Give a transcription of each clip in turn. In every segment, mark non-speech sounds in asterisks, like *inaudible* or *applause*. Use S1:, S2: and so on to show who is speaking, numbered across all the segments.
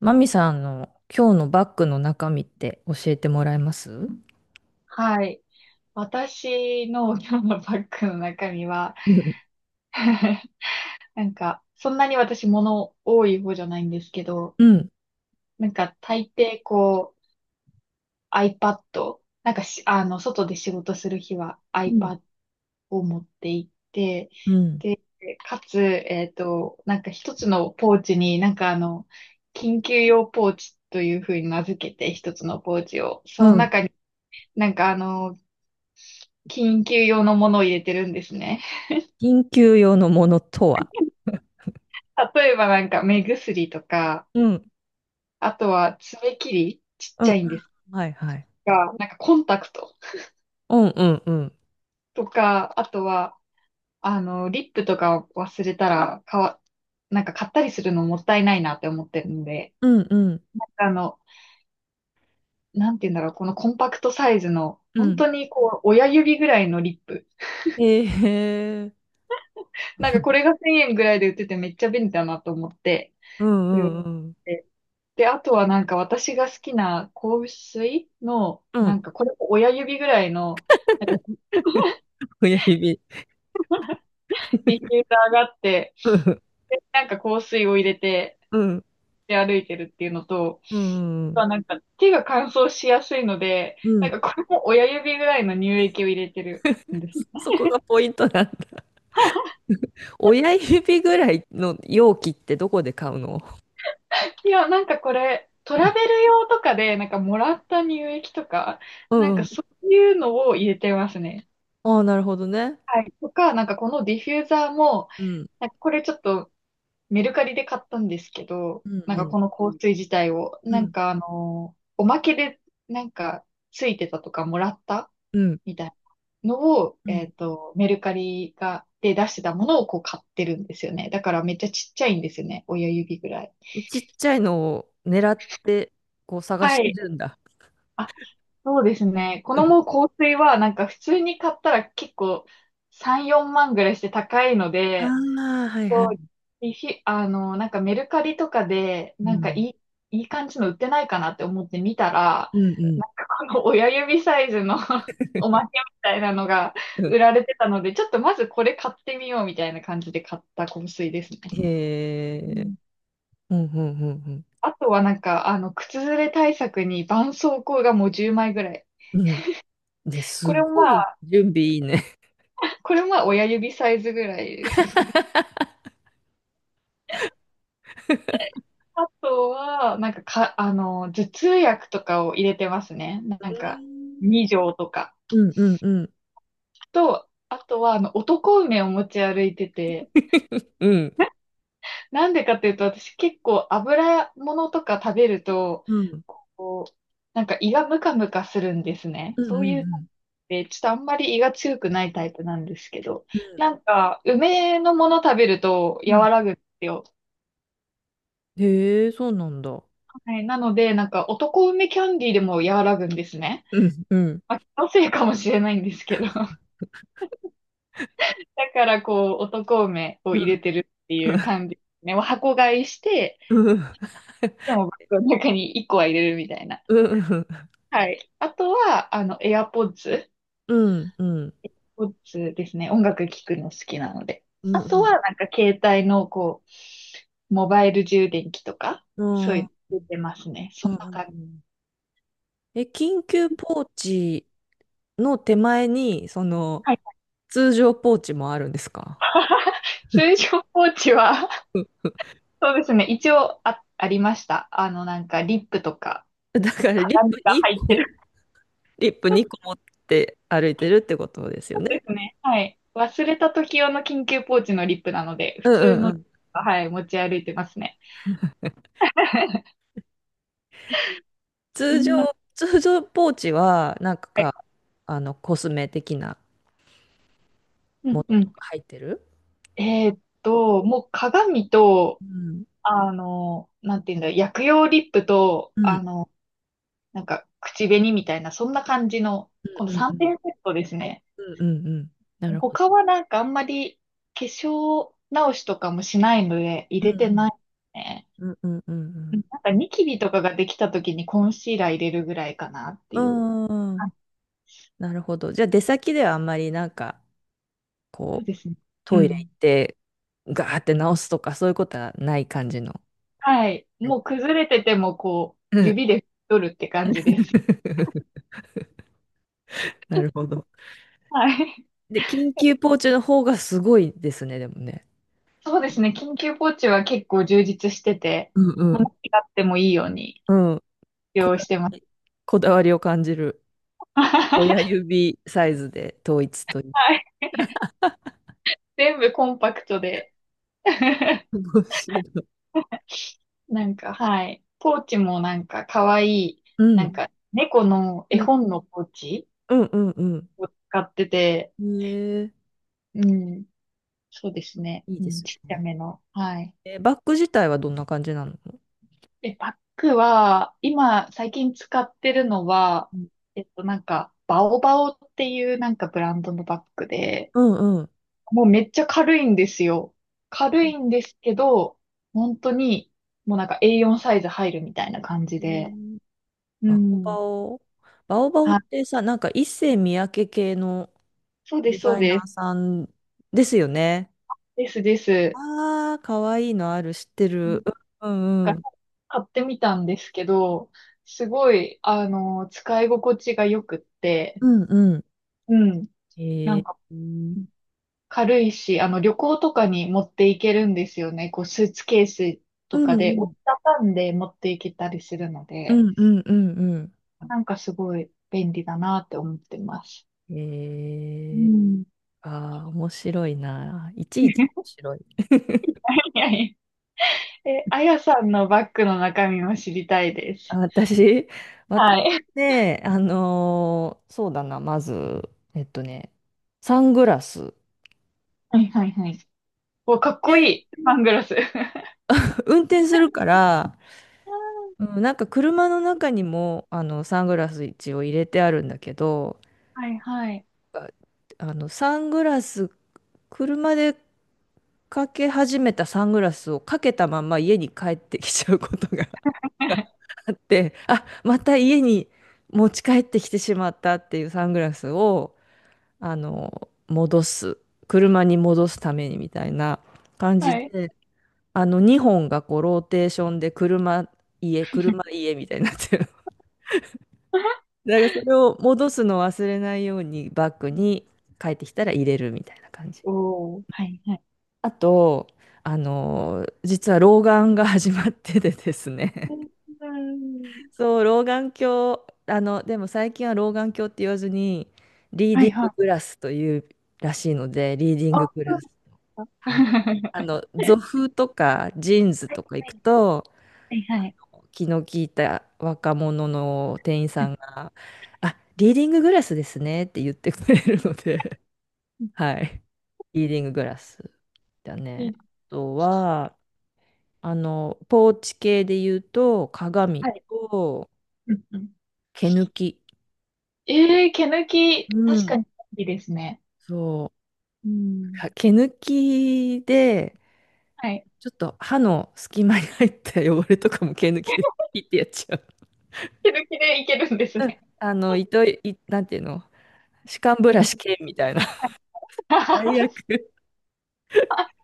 S1: マミさんの今日のバッグの中身って教えてもらえます？
S2: はい。私の *laughs* 今日のバッグの中身は
S1: うん。
S2: *laughs* なんか、そんなに私物多い方じゃないんですけど、
S1: うん、
S2: なんか大抵こう iPad、なんか、あの、外で仕事する日は
S1: うん。
S2: iPad を持って行って、
S1: うん。
S2: でかつ、なんか一つのポーチになんかあの、緊急用ポーチというふうに名付けて一つのポーチを、そ
S1: う
S2: の
S1: ん。
S2: 中になんかあの、緊急用のものを入れてるんですね。
S1: 緊急用のものとは？
S2: 例えばなんか目薬とか、
S1: うん。
S2: あとは爪切り、ちっ
S1: う
S2: ちゃ
S1: ん
S2: いんです
S1: はいはい。
S2: が、なんかコンタクト
S1: うんうんうん。
S2: とか、あとは、あの、リップとか忘れたら、なんか買ったりするのもったいないなって思ってるんで、
S1: うんうん。
S2: あの、なんて言うんだろう、このコンパクトサイズの、
S1: う
S2: 本
S1: ん。
S2: 当にこう、親指ぐらいのリップ。
S1: ええ
S2: なんかこれが1000円ぐらいで売っててめっちゃ便利だなと思って、
S1: う
S2: これを買っ
S1: んうん
S2: てで、あとはなんか私が好きな香水の、
S1: うん。う
S2: な
S1: ん。
S2: んかこれも親指ぐらいの、なんか
S1: 親指。
S2: ディフューザーがあって、
S1: うん
S2: で、なんか香水を入れて、
S1: うん
S2: で歩いてるっていうのと、
S1: うんう
S2: ま
S1: ん。
S2: あとはなんか手が乾燥しやすいので、
S1: う
S2: な
S1: ん。
S2: んかこれも親指ぐらいの乳液を入れてるんです。
S1: *laughs* そこがポイントなんだ。親指ぐらいの容器ってどこで買うの？
S2: *laughs* いや、なんかこれ、トラベル用とかで、なんかもらった乳液とか、
S1: う
S2: な
S1: ん
S2: ん
S1: う
S2: か
S1: ん。
S2: そういうのを入れてますね。
S1: ああ、なるほどね。
S2: はい。とか、なんかこのディフューザーも、
S1: うん。
S2: なんかこれちょっとメルカリで買ったんですけど、
S1: う
S2: なん
S1: ん。う
S2: か
S1: ん。
S2: この香水自体を、
S1: う
S2: なん
S1: ん。
S2: かあの、おまけでなんかついてたとかもらった
S1: うん
S2: みたいなのを、
S1: うん。
S2: メルカリが、で出してたものをこう買ってるんですよね。だからめっちゃちっちゃいんですよね。親指ぐらい。
S1: ちっちゃいのを狙って、こう探
S2: は
S1: して
S2: い。
S1: るんだ。
S2: あ、そうですね。このもう
S1: *laughs*
S2: 香水はなんか普通に買ったら結構3、4万ぐらいして高いの
S1: あ
S2: で、
S1: あ、はいはい。
S2: リフィ、あの、なんかメルカリとかで、
S1: う
S2: なんか
S1: ん。
S2: いい感じの売ってないかなって思って見たら、
S1: うんうん。
S2: なんかこの親指サイズの *laughs* お
S1: *laughs*
S2: まけみたいなのが
S1: うん
S2: 売られてたので、ちょっとまずこれ買ってみようみたいな感じで買った香水ですね。う
S1: へえ。
S2: ん。
S1: うんうんうん
S2: あとはなんか、あの、靴ずれ対策に絆創膏がもう10枚ぐらい。
S1: うん。うん。で、
S2: こ
S1: す
S2: れもま
S1: ごい
S2: あ、
S1: 準備いいね。
S2: これもまあ親指サイズぐらいですね。*laughs* あとは、なんか、あの、頭痛薬とかを入れてますね。なんか、2錠とか。
S1: うんうんうん。
S2: と、あとは、あの、男梅を持ち歩いてて、
S1: *laughs* うん。
S2: なんでかっていうと、私結構油物とか食べると、
S1: うん。
S2: こう、なんか胃がムカムカするんですね。
S1: うんう
S2: そ
S1: ん
S2: うい
S1: う
S2: う
S1: ん
S2: で、ちょっとあんまり胃が強くないタイプなんですけど、
S1: うん。
S2: なんか、梅のもの食べると
S1: うん。
S2: 和らぐんですよ。
S1: へえ、そうなんだ。
S2: はい、なので、なんか、男梅キャンディーでも和らぐんですね。
S1: うん。うん。
S2: まあ、気のせいかもしれないんですけど。*laughs* だから、こう、男梅を
S1: う
S2: 入れ
S1: ん。
S2: てるっていう感じですね。もう箱買いして、
S1: うん。
S2: でもバッグの中に1個は入れるみたいな。
S1: うん。
S2: はい。あとは、あの、AirPods。
S1: うん。うん。うん。
S2: p ですね。音楽聴くの好きなので。
S1: うん。
S2: あ
S1: うん。うん
S2: と
S1: う
S2: は、
S1: ん
S2: なんか携帯の、こう、モバイル充電器とか、そういうの出てますね。
S1: う
S2: そん
S1: ん
S2: な感
S1: う
S2: じ。
S1: ん、え、緊急ポーチの手前に、その、
S2: はい。
S1: 通常ポーチもあるんですか？
S2: *laughs* 通常ポーチは、そうですね。一応ありました。あの、なんか、リップとか、
S1: *laughs* だからリッ
S2: 鏡
S1: プ
S2: が
S1: 2
S2: 入って
S1: 個、
S2: る。
S1: リップ2個持って歩いてるってことですよ
S2: そう
S1: ね。
S2: ですね。はい。忘れた時用の緊急ポーチのリップなので、
S1: う
S2: 普通
S1: んうんう
S2: の、
S1: ん。
S2: はい、持ち歩いてますね。*laughs* そ
S1: 通
S2: んな。
S1: 常、通常ポーチは、
S2: はい。
S1: コスメ的な
S2: う
S1: も
S2: ん
S1: の
S2: う
S1: と
S2: ん。
S1: か入ってる？
S2: もう鏡と、
S1: うん。
S2: あの、なんていうんだ、薬用リップと、
S1: うん
S2: あの、なんか、口紅みたいな、そんな感じの、この
S1: うんう
S2: 3
S1: ん
S2: 点セットですね。
S1: うんうんうん。なるほど。
S2: 他はなんかあんまり化粧直しとかもしないので入
S1: う
S2: れてな
S1: ん
S2: いね。
S1: うんうんうんうんう
S2: うん。
S1: ん。
S2: なんかニキビとかができた時にコンシーラー入れるぐらいかなって
S1: う
S2: いう。
S1: ん
S2: あ、
S1: ん、なるほど。じゃあ出先ではあんまりなんか
S2: そう
S1: こう、
S2: ですね。う
S1: トイレ行
S2: ん。
S1: って、ガーって直すとか、そういうことはない感じの。
S2: はい。
S1: はい、
S2: もう崩れててもこう、
S1: うん。
S2: 指で取るって感じです。
S1: *laughs* なるほど。
S2: はい。
S1: で、緊急ポーチの方がすごいですね、でもね。
S2: そうですね。緊急ポーチは結構充実してて、
S1: うんう
S2: もう
S1: ん。
S2: 何があってもいいように
S1: うん。こ
S2: 用意
S1: だ
S2: して
S1: わ
S2: ます。
S1: り、こだわりを感じる。親
S2: *laughs*
S1: 指サイズで統一という。
S2: はい。全部コンパクトで。*laughs*
S1: 面白い。
S2: なんか、はい。ポーチもなんか可愛い、
S1: う
S2: なん
S1: ん。
S2: か猫の
S1: う
S2: 絵
S1: ん。
S2: 本のポーチ
S1: うんうん
S2: を使ってて、
S1: うん。へえ、
S2: うん。そうですね。
S1: いい
S2: う
S1: で
S2: ん、
S1: す
S2: ちっちゃ
S1: ね。
S2: めの。はい。
S1: え、バッグ自体はどんな感じなの？
S2: え、バッグは、今最近使ってるのは、
S1: うん
S2: なんか、バオバオっていうなんかブランドのバッグで、
S1: うんうん。
S2: もうめっちゃ軽いんですよ。軽いんですけど、本当に、もうなんか A4 サイズ入るみたいな感じ
S1: へ
S2: で。
S1: え、
S2: う
S1: バオ
S2: ん。
S1: バオ。バオバオっ
S2: あ、
S1: てさ、なんか一世三宅系の
S2: そうで
S1: デ
S2: す、そ
S1: ザ
S2: う
S1: イ
S2: で
S1: ナ
S2: す。
S1: ーさんですよね。
S2: ですです。
S1: ああ、かわいいのある、知って
S2: なん
S1: る。うんうん
S2: か
S1: うん。
S2: 買ってみたんですけど、すごい、あの、使い心地が良くって、
S1: うんう
S2: うん。
S1: ん。
S2: な
S1: え
S2: ん
S1: ー、
S2: か、
S1: うん
S2: 軽いし、あの、旅行とかに持っていけるんですよね。こう、スーツケース
S1: う
S2: とかで折
S1: ん
S2: りたたんで持っていけたりするの
S1: う
S2: で。
S1: んうんうん
S2: なんかすごい便利だなって思ってます。
S1: うん。
S2: う
S1: えー、
S2: ん。
S1: ああ、面白いな。いちいち面
S2: *laughs*
S1: 白い。
S2: いやいや、え、あやさんのバッグの中身も知りたいで
S1: あ、
S2: す。
S1: 私、*laughs* 私
S2: はい。
S1: ね、そうだな、まず、えっとね、サングラス。
S2: はいはいはい。お、かっこ
S1: で、
S2: いい。サングラス。*laughs*
S1: 運転するから、うん、なんか車の中にもあのサングラス一応入れてあるんだけど、
S2: はいはい。
S1: ああのサングラス、車でかけ始めたサングラスをかけたまま家に帰ってきちゃうことが *laughs*
S2: *laughs*
S1: あって、あ、また家に持ち帰ってきてしまったっていうサングラスを、あの、戻す、車に戻すためにみたいな感じ
S2: はい。
S1: で、あの2本がこうローテーションで車、家、車、
S2: *laughs*
S1: 家みたいになってる。だからそれを戻すのを忘れないようにバッグに帰ってきたら入れるみたいな感じ。
S2: おー、はいはい。
S1: あと、実は老眼が始まっててです
S2: う
S1: ね。
S2: ん、
S1: *laughs* そう、老眼鏡、でも最近は老眼鏡って言わずに、リー
S2: は
S1: ディ
S2: い
S1: ン
S2: は
S1: ググ
S2: い。
S1: ラスというらしいので、リーディン
S2: あ、
S1: ググ
S2: そ
S1: ラ
S2: う
S1: ス。はい、
S2: なんだ。 *laughs*
S1: ゾフとかジーンズ
S2: はい
S1: とか行
S2: は
S1: く
S2: い
S1: と、
S2: はいはい。
S1: 気の利いた若者の店員さんが、あ、リーディンググラスですねって言ってくれるので、*laughs* はい。リーディンググラスだ
S2: いい
S1: ね。
S2: で
S1: あ
S2: す、
S1: とは、ポーチ系で言うと、鏡
S2: はい。
S1: と
S2: うんうん。
S1: 毛抜き。
S2: えー、毛抜き、
S1: う
S2: 確
S1: ん。
S2: かにいいですね。
S1: そう。
S2: うん。
S1: 毛抜きで、
S2: はい。
S1: ちょっと歯の隙間に入った汚れとかも毛抜きで
S2: *laughs*
S1: ピッてやっちゃう。
S2: 気づきでいけるんですね。
S1: あの、糸い、なんていうの、歯間ブラシ
S2: *laughs*
S1: 系みたいな。最
S2: は
S1: 悪。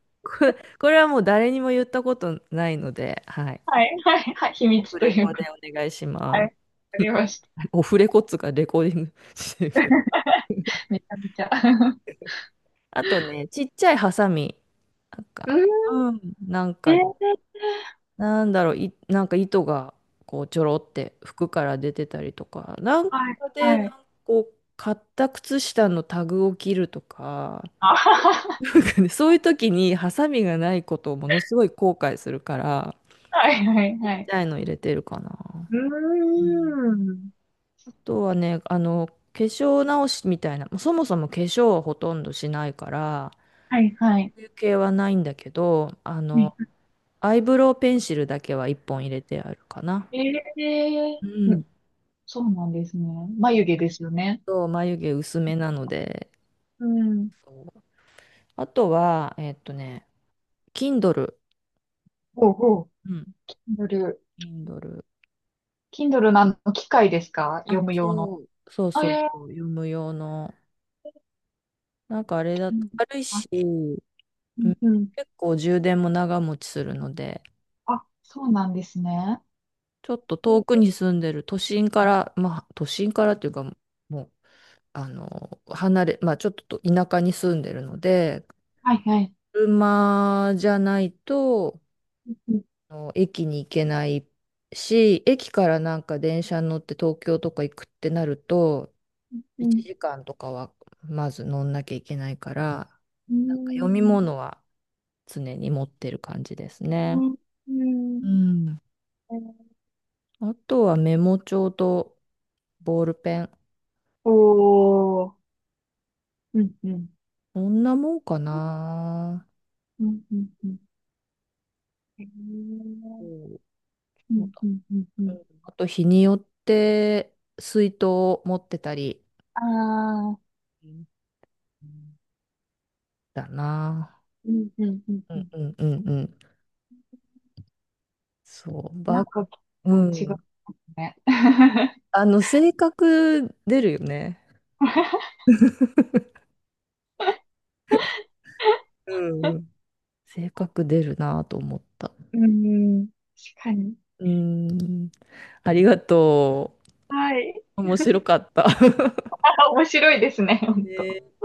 S1: *laughs* これ、これはもう誰にも言ったことないので、はい。
S2: い、はい、はい、秘
S1: オ
S2: 密
S1: フ
S2: と
S1: レ
S2: い
S1: コ
S2: う
S1: で
S2: こと。
S1: お願いし
S2: はい、わ
S1: ま
S2: かりました。
S1: す。*laughs* オフレコっつうか、レコーディングしてるけど。
S2: *laughs* めちゃめちゃ。*laughs*
S1: あとね、ちっちゃいハサミ、なん
S2: うー
S1: か、
S2: ん。
S1: うん、なん
S2: え
S1: か、
S2: ー、
S1: なんだろう、なんか糸が、こう、ちょろって服から出てたりとか、なん
S2: はい、
S1: かで、な
S2: は
S1: ん
S2: い。
S1: かこう、買った靴下のタグを切るとか、
S2: あは
S1: *laughs*
S2: は、
S1: なんかね、そういう時にハサミがないことをものすごい後悔するから、
S2: はい、はい、
S1: ちっ
S2: は
S1: ち
S2: い。
S1: ゃいの入れてるかな。
S2: う
S1: うん、
S2: ーん。
S1: とはね、化粧直しみたいな、まあそもそも化粧はほとんどしないから、
S2: はい、はい。
S1: 休憩はないんだけど、アイブロウペンシルだけは一本入れてあるかな。
S2: ええ
S1: う
S2: ー、うん、
S1: ん。
S2: そうなんですね。
S1: う
S2: 眉
S1: ん
S2: 毛ですよね。
S1: 眉毛薄めなので、
S2: うん。
S1: あとは、Kindle。
S2: ほうほう。
S1: うん。
S2: Kindle。
S1: Kindle。
S2: Kindle のあの機械ですか、
S1: あ、
S2: 読む用
S1: そ
S2: の。
S1: う。そう
S2: あ、
S1: そ
S2: いや
S1: う
S2: いや。
S1: そう、読む用の。なんかあれだと軽いし、
S2: あ、う
S1: う
S2: ん
S1: ん、
S2: うん。
S1: 結構充電も長持ちするので、
S2: あ、そうなんですね。
S1: ちょっと遠くに住んでる都心から、まあ都心からっていうかもう、あの、まあちょっと田舎に住んでるので、
S2: はいはい。
S1: 車じゃないと、
S2: うん
S1: あの駅に行けないし、駅からなんか電車に乗って東京とか行くってなると、
S2: う
S1: 1
S2: ん
S1: 時間とかはまず乗んなきゃいけないから、
S2: う
S1: なんか読み
S2: ん
S1: 物は常に持ってる感じです
S2: う
S1: ね。
S2: んう
S1: う
S2: ん。
S1: ん。あとはメモ帳とボールペン。
S2: おー。うんうん。
S1: そんなもんかな。
S2: うんうんうん。へー。
S1: うん、
S2: う
S1: そう
S2: ん
S1: だ。
S2: うんうんう
S1: う
S2: ん。
S1: ん、あと日によって水筒を持ってたり、
S2: ああ。
S1: うんだな。
S2: うんうんうん
S1: う
S2: う
S1: ん
S2: ん。
S1: うんうんうん。そう、
S2: なんか結
S1: う
S2: 構違う
S1: ん。
S2: ね。
S1: 性格出るよね。
S2: *laughs*
S1: うん、性格出るなと思った。
S2: うん、確かに。
S1: うん。ありがと
S2: はい。
S1: う。面白かった。*laughs*
S2: あ、面白いですね、本当。
S1: ね